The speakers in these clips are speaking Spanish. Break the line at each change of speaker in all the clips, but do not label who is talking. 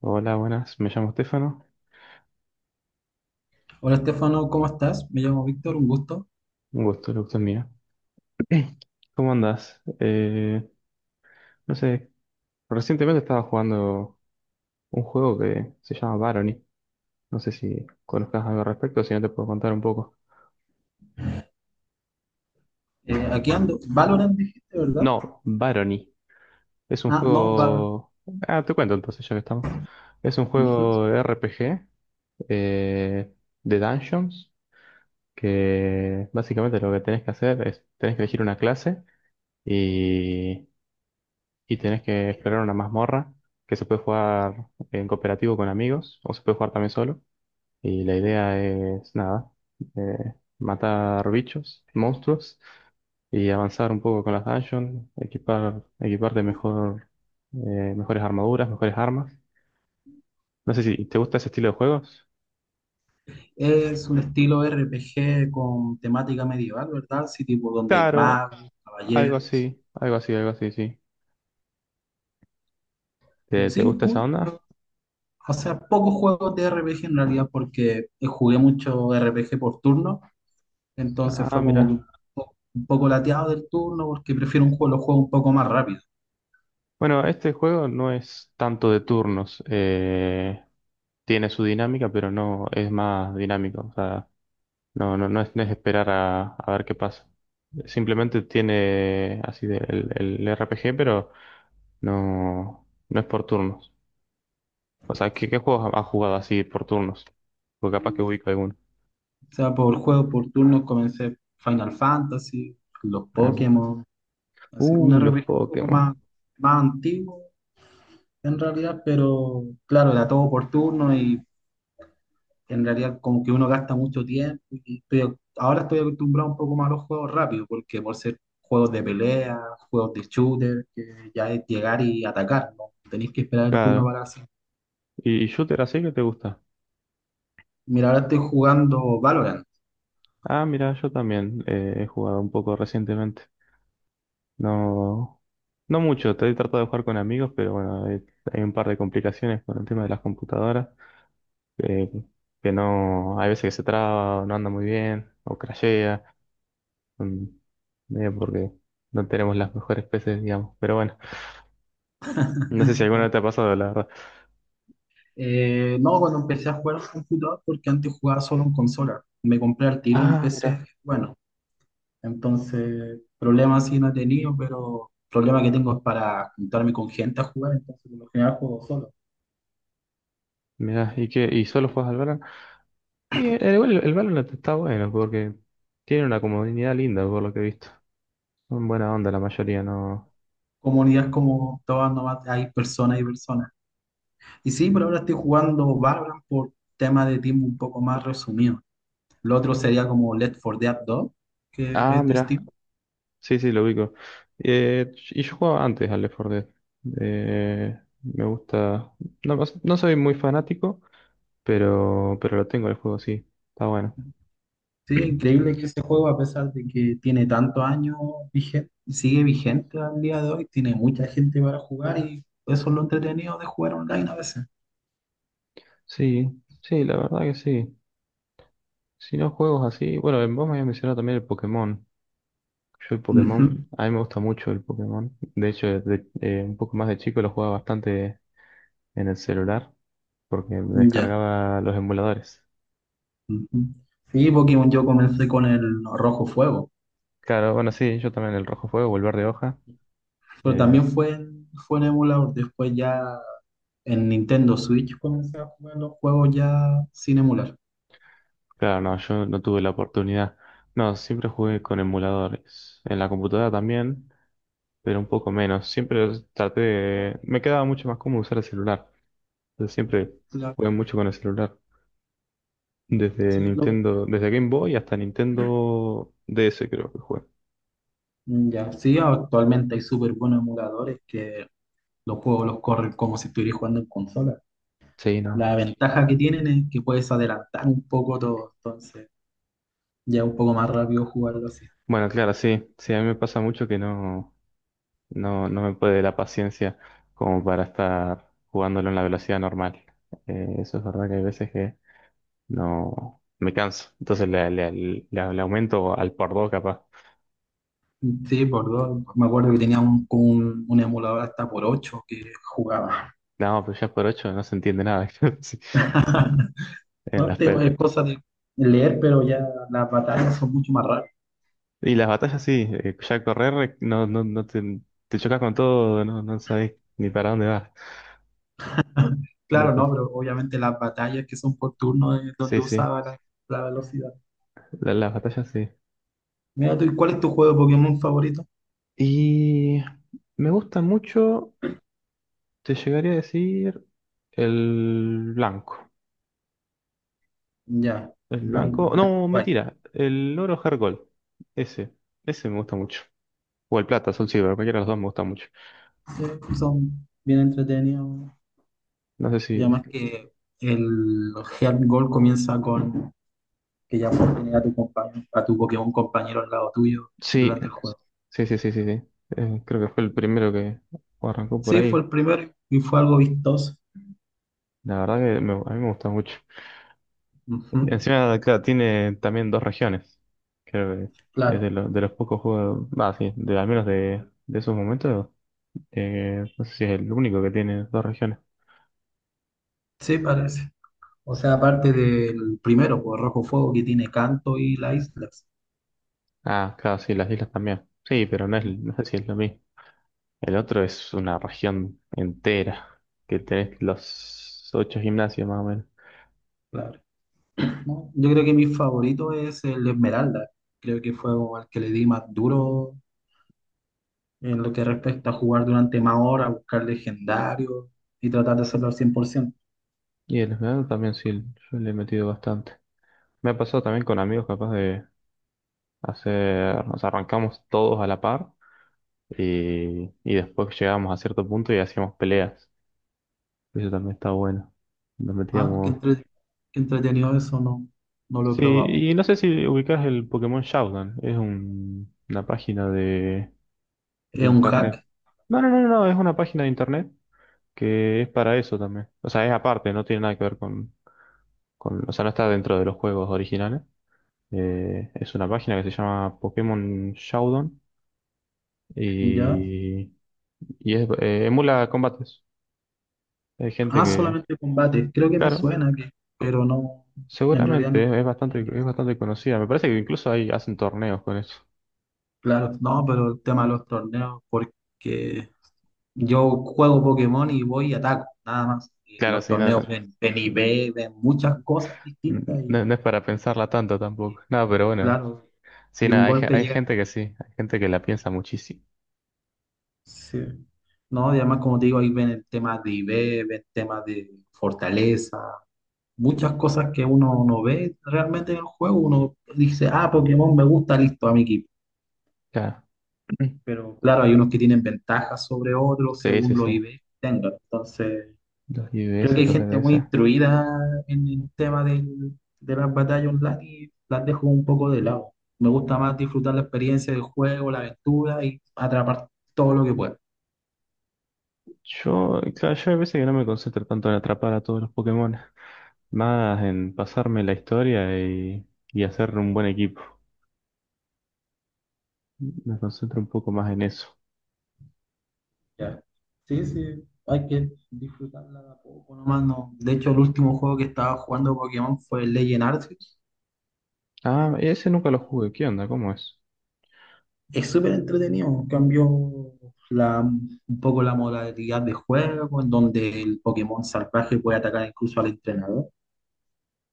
Hola, buenas, me llamo Estefano.
Hola Estefano, ¿cómo estás? Me llamo Víctor, un gusto.
Un gusto, el gusto es mío. ¿Cómo andás? No sé, recientemente estaba jugando un juego que se llama Barony. No sé si conozcas algo al respecto, si no te puedo contar un poco.
Aquí ando. Valorant dijiste, ¿verdad?
No, Barony. Es un
Ah, no, Valorant.
juego... Ah, te cuento entonces, ya que estamos. Es un
Ujú.
juego RPG eh, de Dungeons, que básicamente lo que tenés que hacer es, tenés que elegir una clase y y tenés que explorar una mazmorra que se puede jugar en cooperativo con amigos o se puede jugar también solo. Y la idea es, nada, eh, matar bichos, monstruos y avanzar un poco con las dungeons, equipar, equiparte mejor, mejores armaduras, mejores armas. No sé si te gusta ese estilo de juegos.
Es un estilo RPG con temática medieval, ¿verdad? Sí, tipo donde hay
Claro,
magos,
algo
caballeros.
así, algo así, algo así, sí. ¿Te
Sí,
gusta esa
cool.
onda?
O sea, pocos juegos de RPG en realidad porque jugué mucho RPG por turno, entonces
Ah,
fue como que
mira.
un poco lateado del turno porque prefiero los juegos un poco más rápido.
Bueno, este juego no es tanto de turnos. Tiene su dinámica, pero no es más dinámico. O sea, no, no, no es esperar a ver qué pasa. Simplemente tiene así el RPG, pero no, no es por turnos. O sea, ¿qué juegos has jugado así por turnos? Porque capaz que ubico alguno.
O sea, por juego por turno comencé Final Fantasy, los
Ah,
Pokémon. Así, un
los
RPG un poco
Pokémon.
más, más antiguo en realidad, pero claro, era todo por turno y en realidad como que uno gasta mucho tiempo. Y ahora estoy acostumbrado un poco más a los juegos rápidos, porque por ser juegos de pelea, juegos de shooter, que ya es llegar y atacar, ¿no? Tenéis que esperar el turno
Claro.
para hacer.
¿Y shooter así que te gusta?
Mira, ahora estoy jugando Valorant.
Ah, mira, yo también he jugado un poco recientemente. No, no mucho, estoy tratando de jugar con amigos, pero bueno, hay un par de complicaciones con el tema de las computadoras, eh, que no, hay veces que se traba, o no anda muy bien, o crashea, mm, medio porque no tenemos las mejores peces, digamos, pero bueno, no sé si alguna
¿Ah?
vez te ha pasado, la verdad.
No, cuando empecé a jugar en computador, porque antes jugaba solo en consola. Me compré al tiro un
Ah,
PC,
mira,
bueno, entonces, problemas sí no he tenido, pero problema que tengo es para juntarme con gente a jugar, entonces por lo general juego solo.
mira, ¿y qué? ¿Y solo juegas al Valorant? Y el Valorant está bueno, porque tiene una comunidad linda, por lo que he visto. Son buena onda la mayoría, no.
Comunidades como todas nomás, hay personas y personas. Y sí, por
Sí.
ahora estoy jugando Valorant por tema de tiempo un poco más resumido. Lo otro sería como Left 4 Dead 2, que
Ah,
es de
mira.
Steam.
Sí, sí, lo ubico. Y yo jugaba antes al Left 4 Dead. Me gusta. No, no soy muy fanático, pero lo tengo el juego, sí. Está bueno.
Sí, es increíble que ese juego, a pesar de que tiene tantos años vigente, sigue vigente al día de hoy, tiene mucha gente para jugar y eso es lo entretenido de jugar online a veces.
Sí, sí, la verdad que sí. Si no juegos así. Bueno, vos me habías mencionado también el Pokémon. Yo el
Ujú.
Pokémon, a mí me gusta mucho el Pokémon. De hecho, un poco más de chico lo jugaba bastante en el celular, porque me
Ya.
descargaba los emuladores.
Ujú. Sí, Pokémon yo comencé con el Rojo Fuego,
Claro, bueno, sí, yo también el Rojo Fuego, o el Verde Hoja.
pero
eh,
también fue en emulador. Después ya en Nintendo Switch comencé a jugar los juegos ya sin emular.
Claro, no, yo no tuve la oportunidad. No, siempre jugué con emuladores. En la computadora también, pero un poco menos. Siempre traté de... Me quedaba mucho más cómodo usar el celular. Entonces siempre
La-
jugué mucho con el celular. Desde
sí, lo-
Nintendo, desde Game Boy hasta Nintendo DS creo que jugué.
ya, sí, actualmente hay súper buenos emuladores que los juegos los corren como si estuvieras jugando en consola.
Sí, no.
La ventaja que tienen es que puedes adelantar un poco todo, entonces ya es un poco más rápido jugarlo así.
Bueno, claro, sí. Sí, a mí me pasa mucho que no, no, no me puede la paciencia como para estar jugándolo en la velocidad normal. Eso es verdad que hay veces que no, me canso. Entonces le aumento al por dos capaz.
Sí, por dos. Me acuerdo que tenía un emulador hasta por 8 que jugaba.
No, pero ya por ocho no se entiende nada. Sí, En
No,
las
es
pe-
cosa de leer, pero ya las batallas son mucho más rápidas.
y las batallas sí, ya correr no, no, no te, te chocas con todo, no, no sabes ni para dónde vas. Me
Claro, no,
pasa.
pero obviamente las batallas que son por turno es donde
Sí, sí,
usaba la velocidad.
las batallas sí.
Mira tú, ¿cuál es tu juego de Pokémon favorito?
Y me gusta mucho, te llegaría a decir, el blanco.
Ya.
El
Black,
blanco,
Black
no,
and White.
mentira, el oro Hergol. Ese, ese me gusta mucho. O el plata, Soul Silver, cualquiera de los dos me gusta mucho.
Sí, son bien entretenidos.
No sé si...
Y además que el Heart Gold comienza con que ya puedes tener a tu compañero, a tu Pokémon compañero al lado tuyo
Sí,
durante el juego.
sí, sí, sí, sí, sí. Creo que fue el primero que arrancó por
Sí, fue
ahí.
el primero y fue algo vistoso.
La verdad que a mí me gusta mucho.
Ujú.
Encima, claro, tiene también dos regiones. Creo que es
Claro,
de los pocos juegos, ah, sí, de, al menos de esos momentos. No sé si es el único que tiene dos regiones.
sí, parece. O sea, aparte del primero, por Rojo Fuego, que tiene Canto y La Isla.
Ah, claro, sí, las islas también. Sí, pero no es, no sé si es lo mismo. El otro es una región entera, que tenés los ocho gimnasios más o menos.
Claro. No, yo creo que mi favorito es el Esmeralda. Creo que fue como el que le di más duro en lo que respecta a jugar durante más horas, buscar legendarios y tratar de hacerlo al 100%.
Y el esmeralda también sí, yo le he metido bastante. Me ha pasado también con amigos capaz de hacer, nos arrancamos todos a la par y después llegábamos a cierto punto y hacíamos peleas. Eso también está bueno. Nos
Ah,
metíamos...
qué entretenido eso, no, no lo he
Sí,
probado.
y no sé si ubicás el Pokémon Showdown. Es una página de
Es un
internet.
hack,
No, no, no, no, no, es una página de internet que es para eso también. O sea, es aparte, no tiene nada que ver con... O sea, no está dentro de los juegos originales. Es una página que se llama Pokémon Showdown
¿ya?
y, y es, emula combates. Hay gente
Ah,
que,
solamente combate. Creo que me
claro,
suena, que, pero no, en realidad
seguramente
no,
es, es
no
bastante, es
ingresé.
bastante conocida. Me parece que incluso ahí hacen torneos con eso.
Claro, no, pero el tema de los torneos, porque yo juego Pokémon y voy y ataco, nada más. Y
Claro,
los
sí,
torneos
nada, no,
ven muchas cosas distintas
no es para pensarla tanto
y
tampoco. No, pero bueno,
claro,
sí,
y un
nada,
golpe
hay gente
llega.
que sí, hay gente que la piensa muchísimo.
Sí. No, y además, como te digo, ahí ven el tema de IV, ven temas de fortaleza, muchas cosas que uno no ve realmente en el juego. Uno dice, ah, Pokémon me gusta, listo, a mi equipo.
Claro.
Pero claro, hay unos que tienen ventajas sobre otros
Sí, sí,
según los
sí.
IV que tengan. Entonces.
Los
Creo que
IBS,
hay
los
gente muy
EBS.
instruida en el de las batallas online y las dejo un poco de lado. Me gusta más disfrutar la experiencia del juego, la aventura y atrapar todo lo que pueda.
Yo, claro, yo hay veces que no me concentro tanto en atrapar a todos los Pokémon. Más en pasarme la historia y hacer un buen equipo. Me concentro un poco más en eso.
Ya. Sí, sí, hay que disfrutarla de a poco nomás. No. De hecho, el último juego que estaba jugando Pokémon fue el Legend Arceus.
Ah, ese nunca lo jugué. ¿Qué onda? ¿Cómo es?
Es súper entretenido. Cambió un poco la modalidad de juego, en donde el Pokémon salvaje puede atacar incluso al entrenador.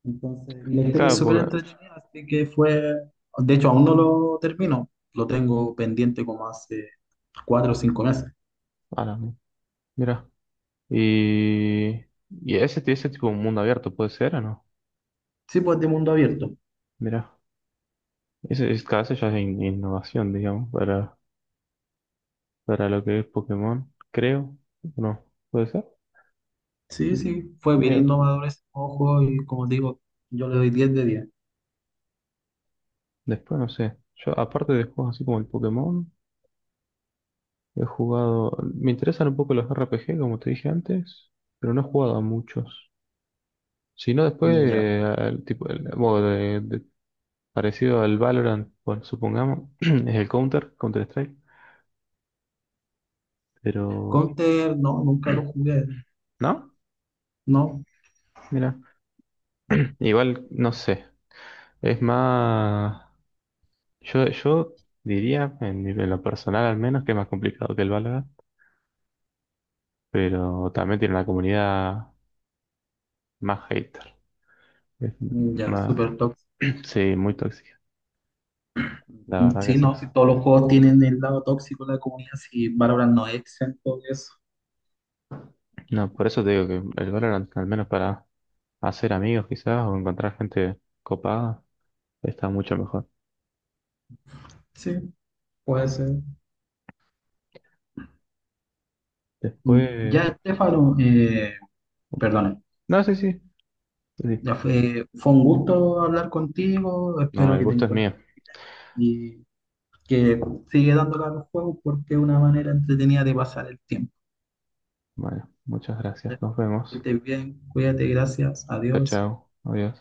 Entonces, y la historia es
Claro,
súper
porque...
entretenida, así que fue, de hecho aún no lo termino, lo tengo pendiente como hace 4 o 5 meses.
Ahora, mira. Y... ¿Y ese tipo de mundo abierto puede ser o no?
Sí, pues de mundo abierto.
Mira. Ese, es cada vez ya es innovación, digamos, para lo que es Pokémon, creo. ¿O no? Puede ser.
Sí,
Mm,
sí, fue bien
Mira.
innovador ese juego y como te digo, yo le doy 10 de 10.
Después no sé. Yo, aparte de juegos así como el Pokémon. He jugado. Me interesan un poco los RPG, como te dije antes, pero no he jugado a muchos. Si no, después,
Mm. Ya.
al tipo, el modo parecido al Valorant, bueno, supongamos, es el Counter-Strike, pero.
Counter, no, nunca lo jugué,
¿No?
no.
Mira. Igual, no sé. Es más. Yo diría, en lo personal al menos, que es más complicado que el Valorant, pero también tiene una comunidad más hater. Es
Mm. Ya,
más,
súper tóxico.
sí, muy tóxica, la
Mm.
verdad que
Sí,
sí.
no, si todos los juegos tienen el lado tóxico de la comunidad, si Valorant no es exento de eso.
No, por eso te digo que el Valorant, al menos para hacer amigos quizás o encontrar gente copada, está mucho mejor.
Sí, puede ser. Mm.
Después...
Ya, Estefano, perdón,
No, sí, sí, sí.
ya fue, fue un gusto hablar contigo,
No,
espero
el
que te
gusto es
encuentres
mío.
y que sigue dándole a los juegos porque es una manera entretenida de pasar el tiempo.
Bueno, muchas
Que
gracias. Nos vemos.
estés bien, cuídate, gracias,
Chao,
adiós.
chao. Adiós.